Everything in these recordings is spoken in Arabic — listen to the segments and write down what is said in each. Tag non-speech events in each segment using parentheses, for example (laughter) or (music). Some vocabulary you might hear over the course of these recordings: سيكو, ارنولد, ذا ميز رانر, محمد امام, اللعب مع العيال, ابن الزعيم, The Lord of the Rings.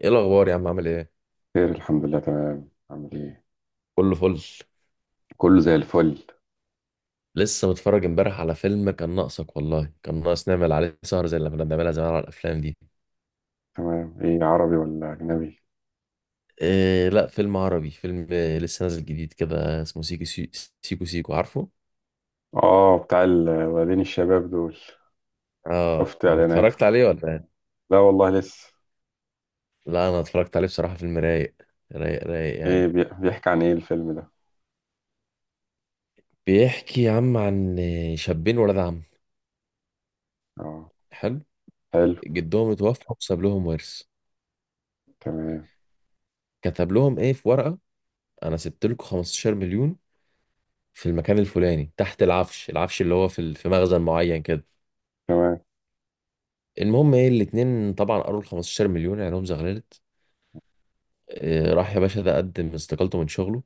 ايه الاخبار يا عم؟ عامل ايه؟ خير، الحمد لله، تمام. عامل ايه؟ كله فل. كله زي الفل. لسه متفرج امبارح على فيلم. كان ناقصك والله، كان ناقص نعمل عليه سهر زي اللي كنا بنعملها زمان على الافلام دي. تمام. ايه، عربي ولا اجنبي؟ إيه لا، فيلم عربي. فيلم لسه نازل جديد كده، اسمه سيكو سيكو سيكو، عارفه. اه، بتاع الولدين الشباب دول. اه، شفت اعلاناته. اتفرجت عليه ولا إيه؟ لا والله، لسه. لا انا اتفرجت عليه، بصراحة فيلم رايق. رايق رايق ايه، يعني. بيحكي عن ايه الفيلم ده؟ بيحكي يا عم عن شابين ولاد عم. اه، حلو. حلو. جدهم اتوفى وساب لهم ورث، تمام. كتب لهم ايه في ورقة: انا سبت لكم 15 مليون في المكان الفلاني تحت العفش. العفش اللي هو في مخزن معين كده. تمام. المهم ايه، الاتنين طبعا قروا ال 15 مليون، عينهم زغللت. راح يا باشا ده قدم استقالته من شغله،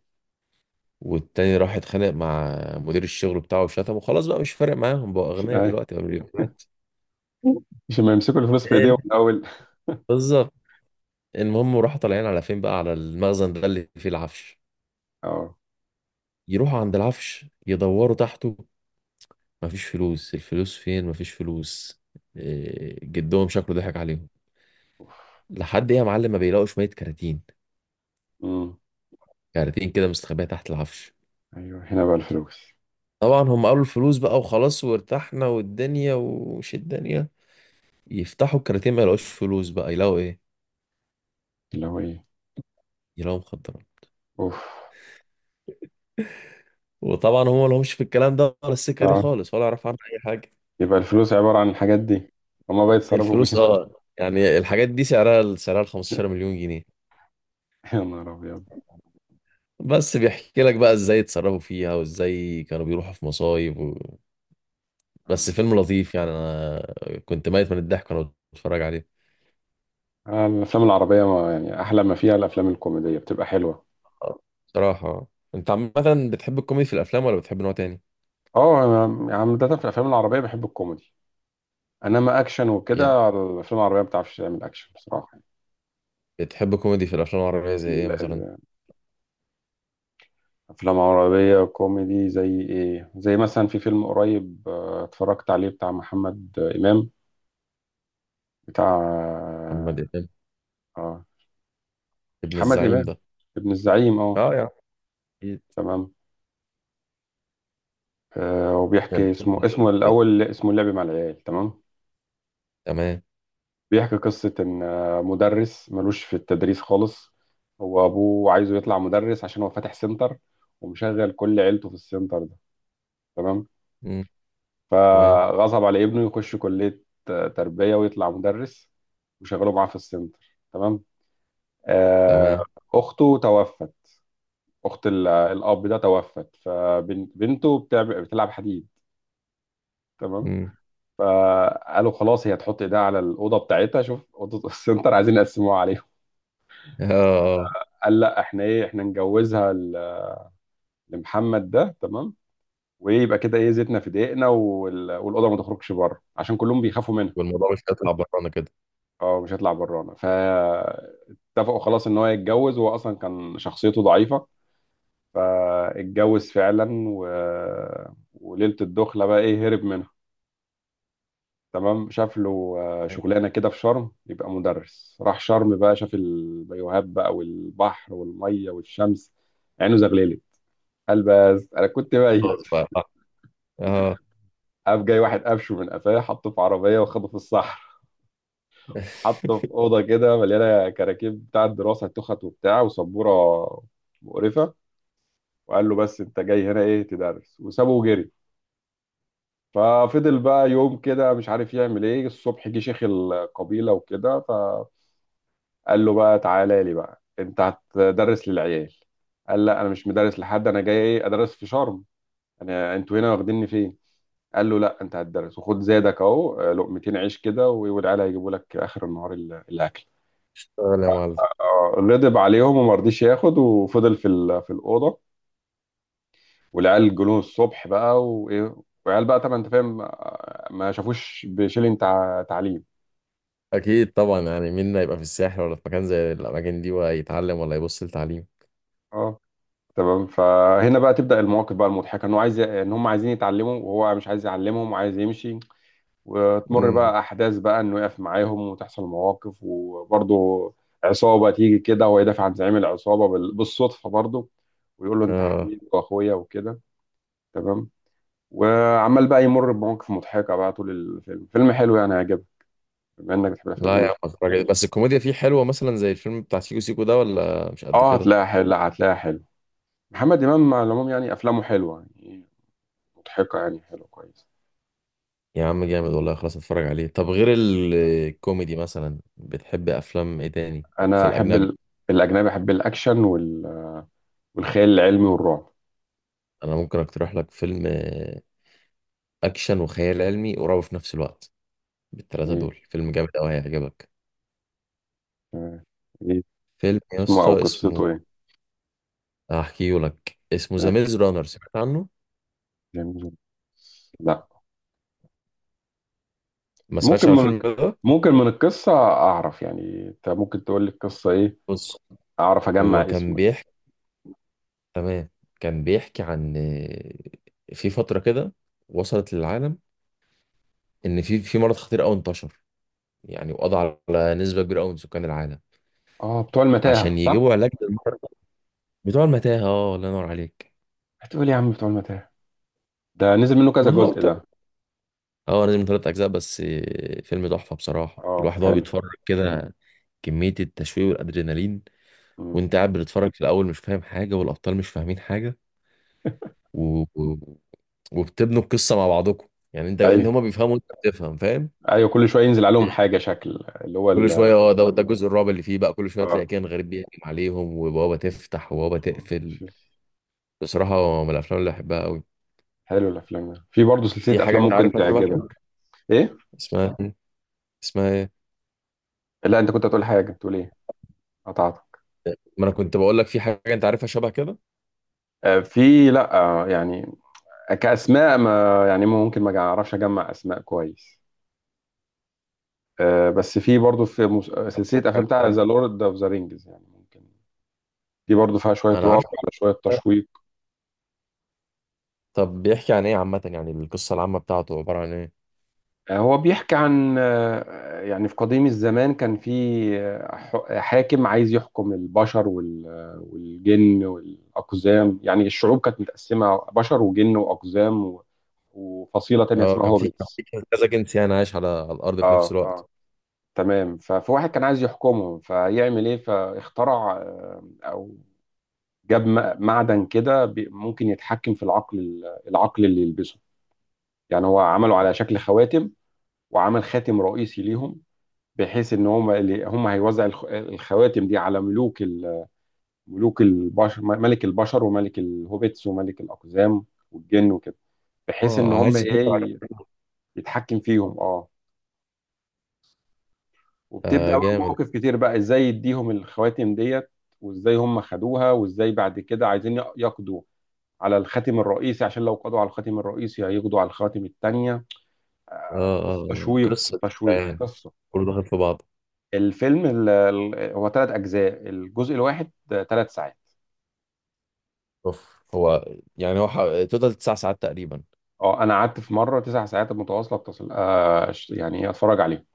والتاني راح اتخانق مع مدير الشغل بتاعه وشتمه. خلاص بقى مش فارق معاهم، بقوا اغنياء اي. دلوقتي، بقى مليونيرات. مش ما يمسكوا الفلوس في إيه؟ ايديهم من الاول؟ بالظبط. المهم راحوا طالعين على فين بقى؟ على المخزن ده اللي فيه العفش. اه. يروحوا عند العفش يدوروا تحته، مفيش فلوس. الفلوس فين؟ مفيش فلوس. جدهم شكله ضحك عليهم. لحد ايه يا معلم ما بيلاقوا شوية كراتين، امم. كارتين كده مستخبية تحت العفش. ايوه، هنا بقى الفلوس. طبعا هم قالوا الفلوس بقى وخلاص وارتحنا والدنيا ومش الدنيا. يفتحوا الكارتين، ما يلاقوش فلوس، بقى يلاقوا ايه؟ اللي هو ايه؟ يلاقوا مخدرات. اوف. وطبعا هم ما لهمش في الكلام ده ولا السكة دي اه، خالص، ولا يعرفوا عنها اي حاجة. يبقى الفلوس عبارة عن الحاجات دي. هما بقى يتصرفوا الفلوس بيها؟ اه يعني الحاجات دي سعرها 15 (laughs) مليون جنيه. يا نهار ابيض! بس بيحكي لك بقى ازاي اتصرفوا فيها، وازاي كانوا بيروحوا في مصايب. بس آه. فيلم لطيف يعني. انا كنت ميت من الضحك وانا بتفرج عليه. الافلام العربيه، ما يعني احلى ما فيها الافلام الكوميديه بتبقى حلوه. آه، بصراحة انت عامة بتحب الكوميدي في الافلام ولا بتحب نوع تاني؟ اه، يعني عاده في الافلام العربيه بحب الكوميدي. انما اكشن يعني وكده، الافلام العربيه ما بتعرفش تعمل اكشن بصراحه. بتحب كوميدي في الافلام العربيه زي ايه ال- مثلا؟ ال- الافلام العربيه كوميدي زي ايه؟ زي مثلا في فيلم قريب اتفرجت عليه بتاع محمد امام. بتاع محمد امام، آه، ابن محمد الزعيم امام. ده. ابن الزعيم، اه. اه يا عم، اكيد. تمام. وبيحكي كان اسمه كوميدي ولا اسمه كده؟ الاول، اسمه اللعب مع العيال. تمام. تمام. بيحكي قصة إن مدرس ملوش في التدريس خالص. هو أبوه عايزه يطلع مدرس عشان هو فاتح سنتر، ومشغل كل عيلته في السنتر ده. تمام. مم. تمام. فغصب على ابنه يخش كلية تربية ويطلع مدرس، وشغله معاه في السنتر. تمام. آه، تمام. أخته توفت. أخت الأب ده توفت، فبنته بتلعب حديد. تمام. مم. فقالوا خلاص هي تحط ايديها على الأوضة بتاعتها. شوف أوضة (laughs) السنتر عايزين يقسموها عليهم. (laughs) اه. اه. قال لا، احنا ايه، احنا نجوزها لمحمد ده. تمام. وايه يبقى كده، ايه زيتنا في دقيقنا، والاوضه ما تخرجش بره عشان كلهم بيخافوا منها. والموضوع مش هيطلع برانا كده. اه، مش هيطلع برانا. فاتفقوا خلاص ان هو يتجوز، وهو اصلا كان شخصيته ضعيفه. فاتجوز فعلا وليله الدخله بقى، ايه، هرب منها. تمام. شاف له شغلانه كده في شرم يبقى مدرس، راح شرم بقى، شاف البيوهات بقى والبحر والميه والشمس. عينه زغللت. قال بس انا كنت خلاص بايت. بقى. اه. قام جاي واحد قفشه من قفاه، حطه في عربيه وخده في الصحراء. حطه في (laughs) اوضه كده مليانه كراكيب بتاع الدراسه، تخت وبتاع وسبوره. مقرفه. وقال له بس انت جاي هنا ايه تدرس، وسابه وجري. ففضل بقى يوم كده مش عارف يعمل ايه. الصبح جه شيخ القبيله وكده فقال له بقى: تعالى لي بقى، انت هتدرس للعيال. قال لا، انا مش مدرس لحد، انا جاي ايه ادرس في شرم، انا انتوا هنا واخديني فين؟ قال له لا، انت هتدرس وخد زادك اهو، لقمتين عيش كده والعيال هيجيبوا لك اخر النهار الاكل. اشتغل يا معلم. غضب عليهم وما رضيش ياخد، وفضل في الاوضه. والعيال جولون الصبح بقى، وايه، والعيال بقى طبعا، انت فاهم، ما شافوش بشيلين تعليم. اكيد طبعا، يعني مين هيبقى في الساحل ولا في مكان زي الاماكن دي ويتعلم ولا يبص لتعليم؟ اه. تمام. فهنا بقى تبدا المواقف بقى المضحكه، انه عايز، ان هم عايزين يتعلموا وهو مش عايز يعلمهم وعايز يمشي. وتمر امم. بقى احداث بقى انه يقف معاهم وتحصل مواقف، وبرضه عصابه تيجي كده وهو يدافع عن زعيم العصابه بالصدفه، برضه ويقول له انت اه حبيبي واخويا وكده. تمام. وعمال بقى يمر بمواقف مضحكه بقى طول الفيلم. فيلم حلو يعني، هيعجبك بما انك بتحب الافلام لا يا عم، اتفرج. بس الكوميديا فيه حلوه مثلا زي الفيلم بتاع سيكو سيكو ده ولا مش قد اه، كده؟ هتلاقيها حلو، هتلاقيها حلو. محمد امام على العموم يعني افلامه حلوه يعني، مضحكه يعني، حلوه كويس. يا عم جامد والله، خلاص اتفرج عليه. طب غير الكوميدي مثلا بتحب افلام ايه تاني؟ في انا احب الاجنبي. الاجنبي. احب الاكشن والخيال العلمي والرعب. انا ممكن اقترح لك فيلم اكشن وخيال علمي قريب في نفس الوقت. بالثلاثه ايه. دول، فيلم جامد قوي هيعجبك. آه. إيه. فيلم يا اسمه او اسطى قصته اسمه، ايه؟ هحكيه لك. اسمه ذا آه، ميز رانر، سمعت عنه؟ جميل. لا. ما سمعتش ممكن عن من الفيلم الك- ده. ممكن من القصه اعرف، يعني انت ممكن تقول لي القصه ايه؟ بص، اعرف هو اجمع كان اسمه، يعني. بيحكي تمام. كان بيحكي عن في فتره كده وصلت للعالم، ان في مرض خطير قوي انتشر يعني، وقضى على نسبه كبيره قوي من سكان العالم. اه، بتوع المتاهه، عشان صح؟ يجيبوا علاج للمرضى. بتوع المتاهة، اه، الله ينور عليك. هتقول إيه يا عم، بتوع المتاهه. ده نزل منه كذا ما هو جزء بتوع ده. اه، نزل من ثلاث أجزاء بس. فيلم تحفة بصراحة. اه، الواحد وهو حلو. بيتفرج كده كمية التشويق والأدرينالين. مم. وأنت قاعد بتتفرج في الأول مش فاهم حاجة، والأبطال مش فاهمين حاجة. (laughs) و... و- وبتبنوا القصة مع بعضكم، يعني أنت ايوه. هما بيفهموا وأنت بتفهم، فاهم. ايوه، كل شويه ينزل عليهم حاجه شكل اللي هو كل شوية اه، ده الجزء الرابع اللي فيه بقى، كل شوية اه، تلاقي كان غريب بيهجم عليهم، وبوابة تفتح وبوابة تقفل. شوف، بصراحة من الأفلام اللي بحبها أوي. حلو. الافلام ده في برضه في سلسله حاجة افلام أنت ممكن عارفها شبه كده بقى؟ تعجبك. ايه. اسمها، اسمها إيه؟ لا، انت كنت هتقول حاجه، تقول ايه؟ قطعتك. ما انا كنت بقول لك في حاجه انت عارفها شبه كده. في، لا، يعني، كأسماء ما، يعني ممكن ما أعرفش أجمع أسماء كويس. بس في برضه في سلسلة أفلام بتاع عارف- ذا لورد أوف ذا رينجز، يعني ممكن دي برضه فيها شوية انا رعب عارف على شوية ده. تشويق. طب بيحكي عن ايه عامه؟ يعني القصه العامه بتاعته عباره عن ايه؟ هو بيحكي عن يعني في قديم الزمان كان في حاكم عايز يحكم البشر والجن والأقزام، يعني الشعوب كانت متقسمة بشر وجن وأقزام وفصيلة تانية اه اسمها كان في كان هوبيتس. في كذا جنس يعني عايش على على الارض في نفس اه، الوقت. اه. تمام. ففي واحد كان عايز يحكمهم فيعمل ايه، فاخترع او جاب معدن كده ممكن يتحكم في العقل اللي يلبسه. يعني هو عمله على شكل خواتم، وعمل خاتم رئيسي ليهم. بحيث ان هم هيوزع الخواتم دي على ملوك ملك البشر وملك الهوبيتس وملك الاقزام والجن وكده. بحيث ان اه، هم عايز ايه، يتحكم فيهم. اه. وبتبدأ آه بقى جامد. مواقف كتير بقى، ازاي يديهم الخواتم ديت، وازاي هم خدوها، وازاي بعد كده عايزين يقضوا على الخاتم الرئيسي، عشان لو قضوا على الخاتم الرئيسي هيقضوا على الخواتم التانية. اه. اه. بص، تشويق قصه تشويق، يعني، قصة. كله داخل في بعض. الفيلم هو 3 أجزاء، الجزء الواحد 3 ساعات. اوف. هو يعني هو ح- توتال تسع ساعات تقريبا. اه، أنا قعدت في مرة 9 ساعات متواصلة، اتصل يعني أتفرج عليه.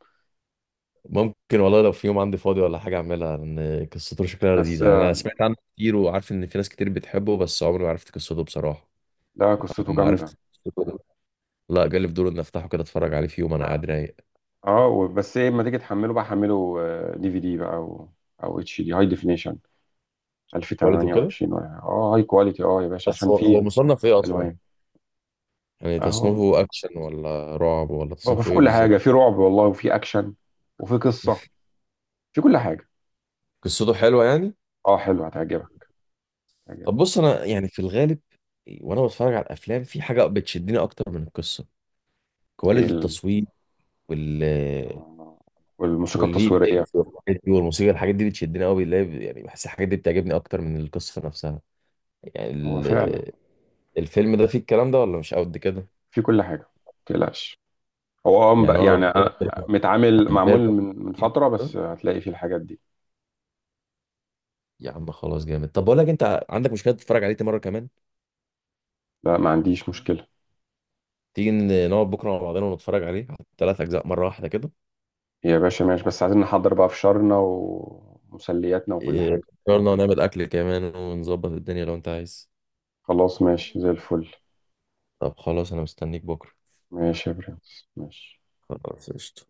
ممكن والله، لو في يوم عندي فاضي ولا حاجه اعملها، لان قصته شكلها بس لذيذ يعني. انا سمعت عنه كتير، وعارف ان في ناس كتير بتحبه، بس عمري ما عرفت قصته بصراحه. لا، قصته اما جامدة. عرفت قصته، لا جالي فضول ان افتحه كده اتفرج عليه في يوم انا قاعد رايق. اه، بس ايه، لما تيجي تحمله بقى، حمله DVD بقى، او HD، هاي ديفينيشن كواليتي وكده. 1028، ولا اه هاي كواليتي، اه يا باشا، بس عشان هو في مصنف ايه اصلا؟ الوان. يعني اهو تصنيفه اكشن ولا رعب ولا بقى تصنيفه في ايه كل حاجه، بالظبط؟ في رعب والله وفي اكشن وفي قصه، في كل حاجه. قصته حلوه يعني. اه، حلو، هتعجبك. هتعجبك. طب بص، انا يعني في الغالب وانا بتفرج على الافلام في حاجه بتشدني اكتر من القصه: ايه كواليتي التصوير، وال آه، والموسيقى والفي التصويريه. اكس والحاجات دي، والموسيقى. الحاجات دي بتشدني قوي، يعني بحس الحاجات دي بتعجبني اكتر من القصه نفسها. يعني هو فعلا ال... الفيلم ده فيه الكلام ده ولا مش قد كده؟ في كل حاجه، ما تقلقش. هو يعني وانا يعني بتفرج أنا كده متعامل معمول من فتره، عن، بس هتلاقي فيه الحاجات دي. يا عم خلاص جامد. طب بقول لك، انت عندك مشكله تتفرج عليه تاني مره كمان؟ لا، ما عنديش مشكله. تيجي نقعد بكره مع بعضنا ونتفرج عليه على ثلاث اجزاء مره واحده كده. يا باشا ماشي، بس عايزين نحضر بقى فشارنا ومسلياتنا وكل حاجه. قررنا نعمل اكل كمان ونظبط الدنيا لو انت عايز. خلاص، ماشي زي الفل. طب خلاص، انا مستنيك بكره. ماشي يا برنس، ماشي. خلاص قشطة.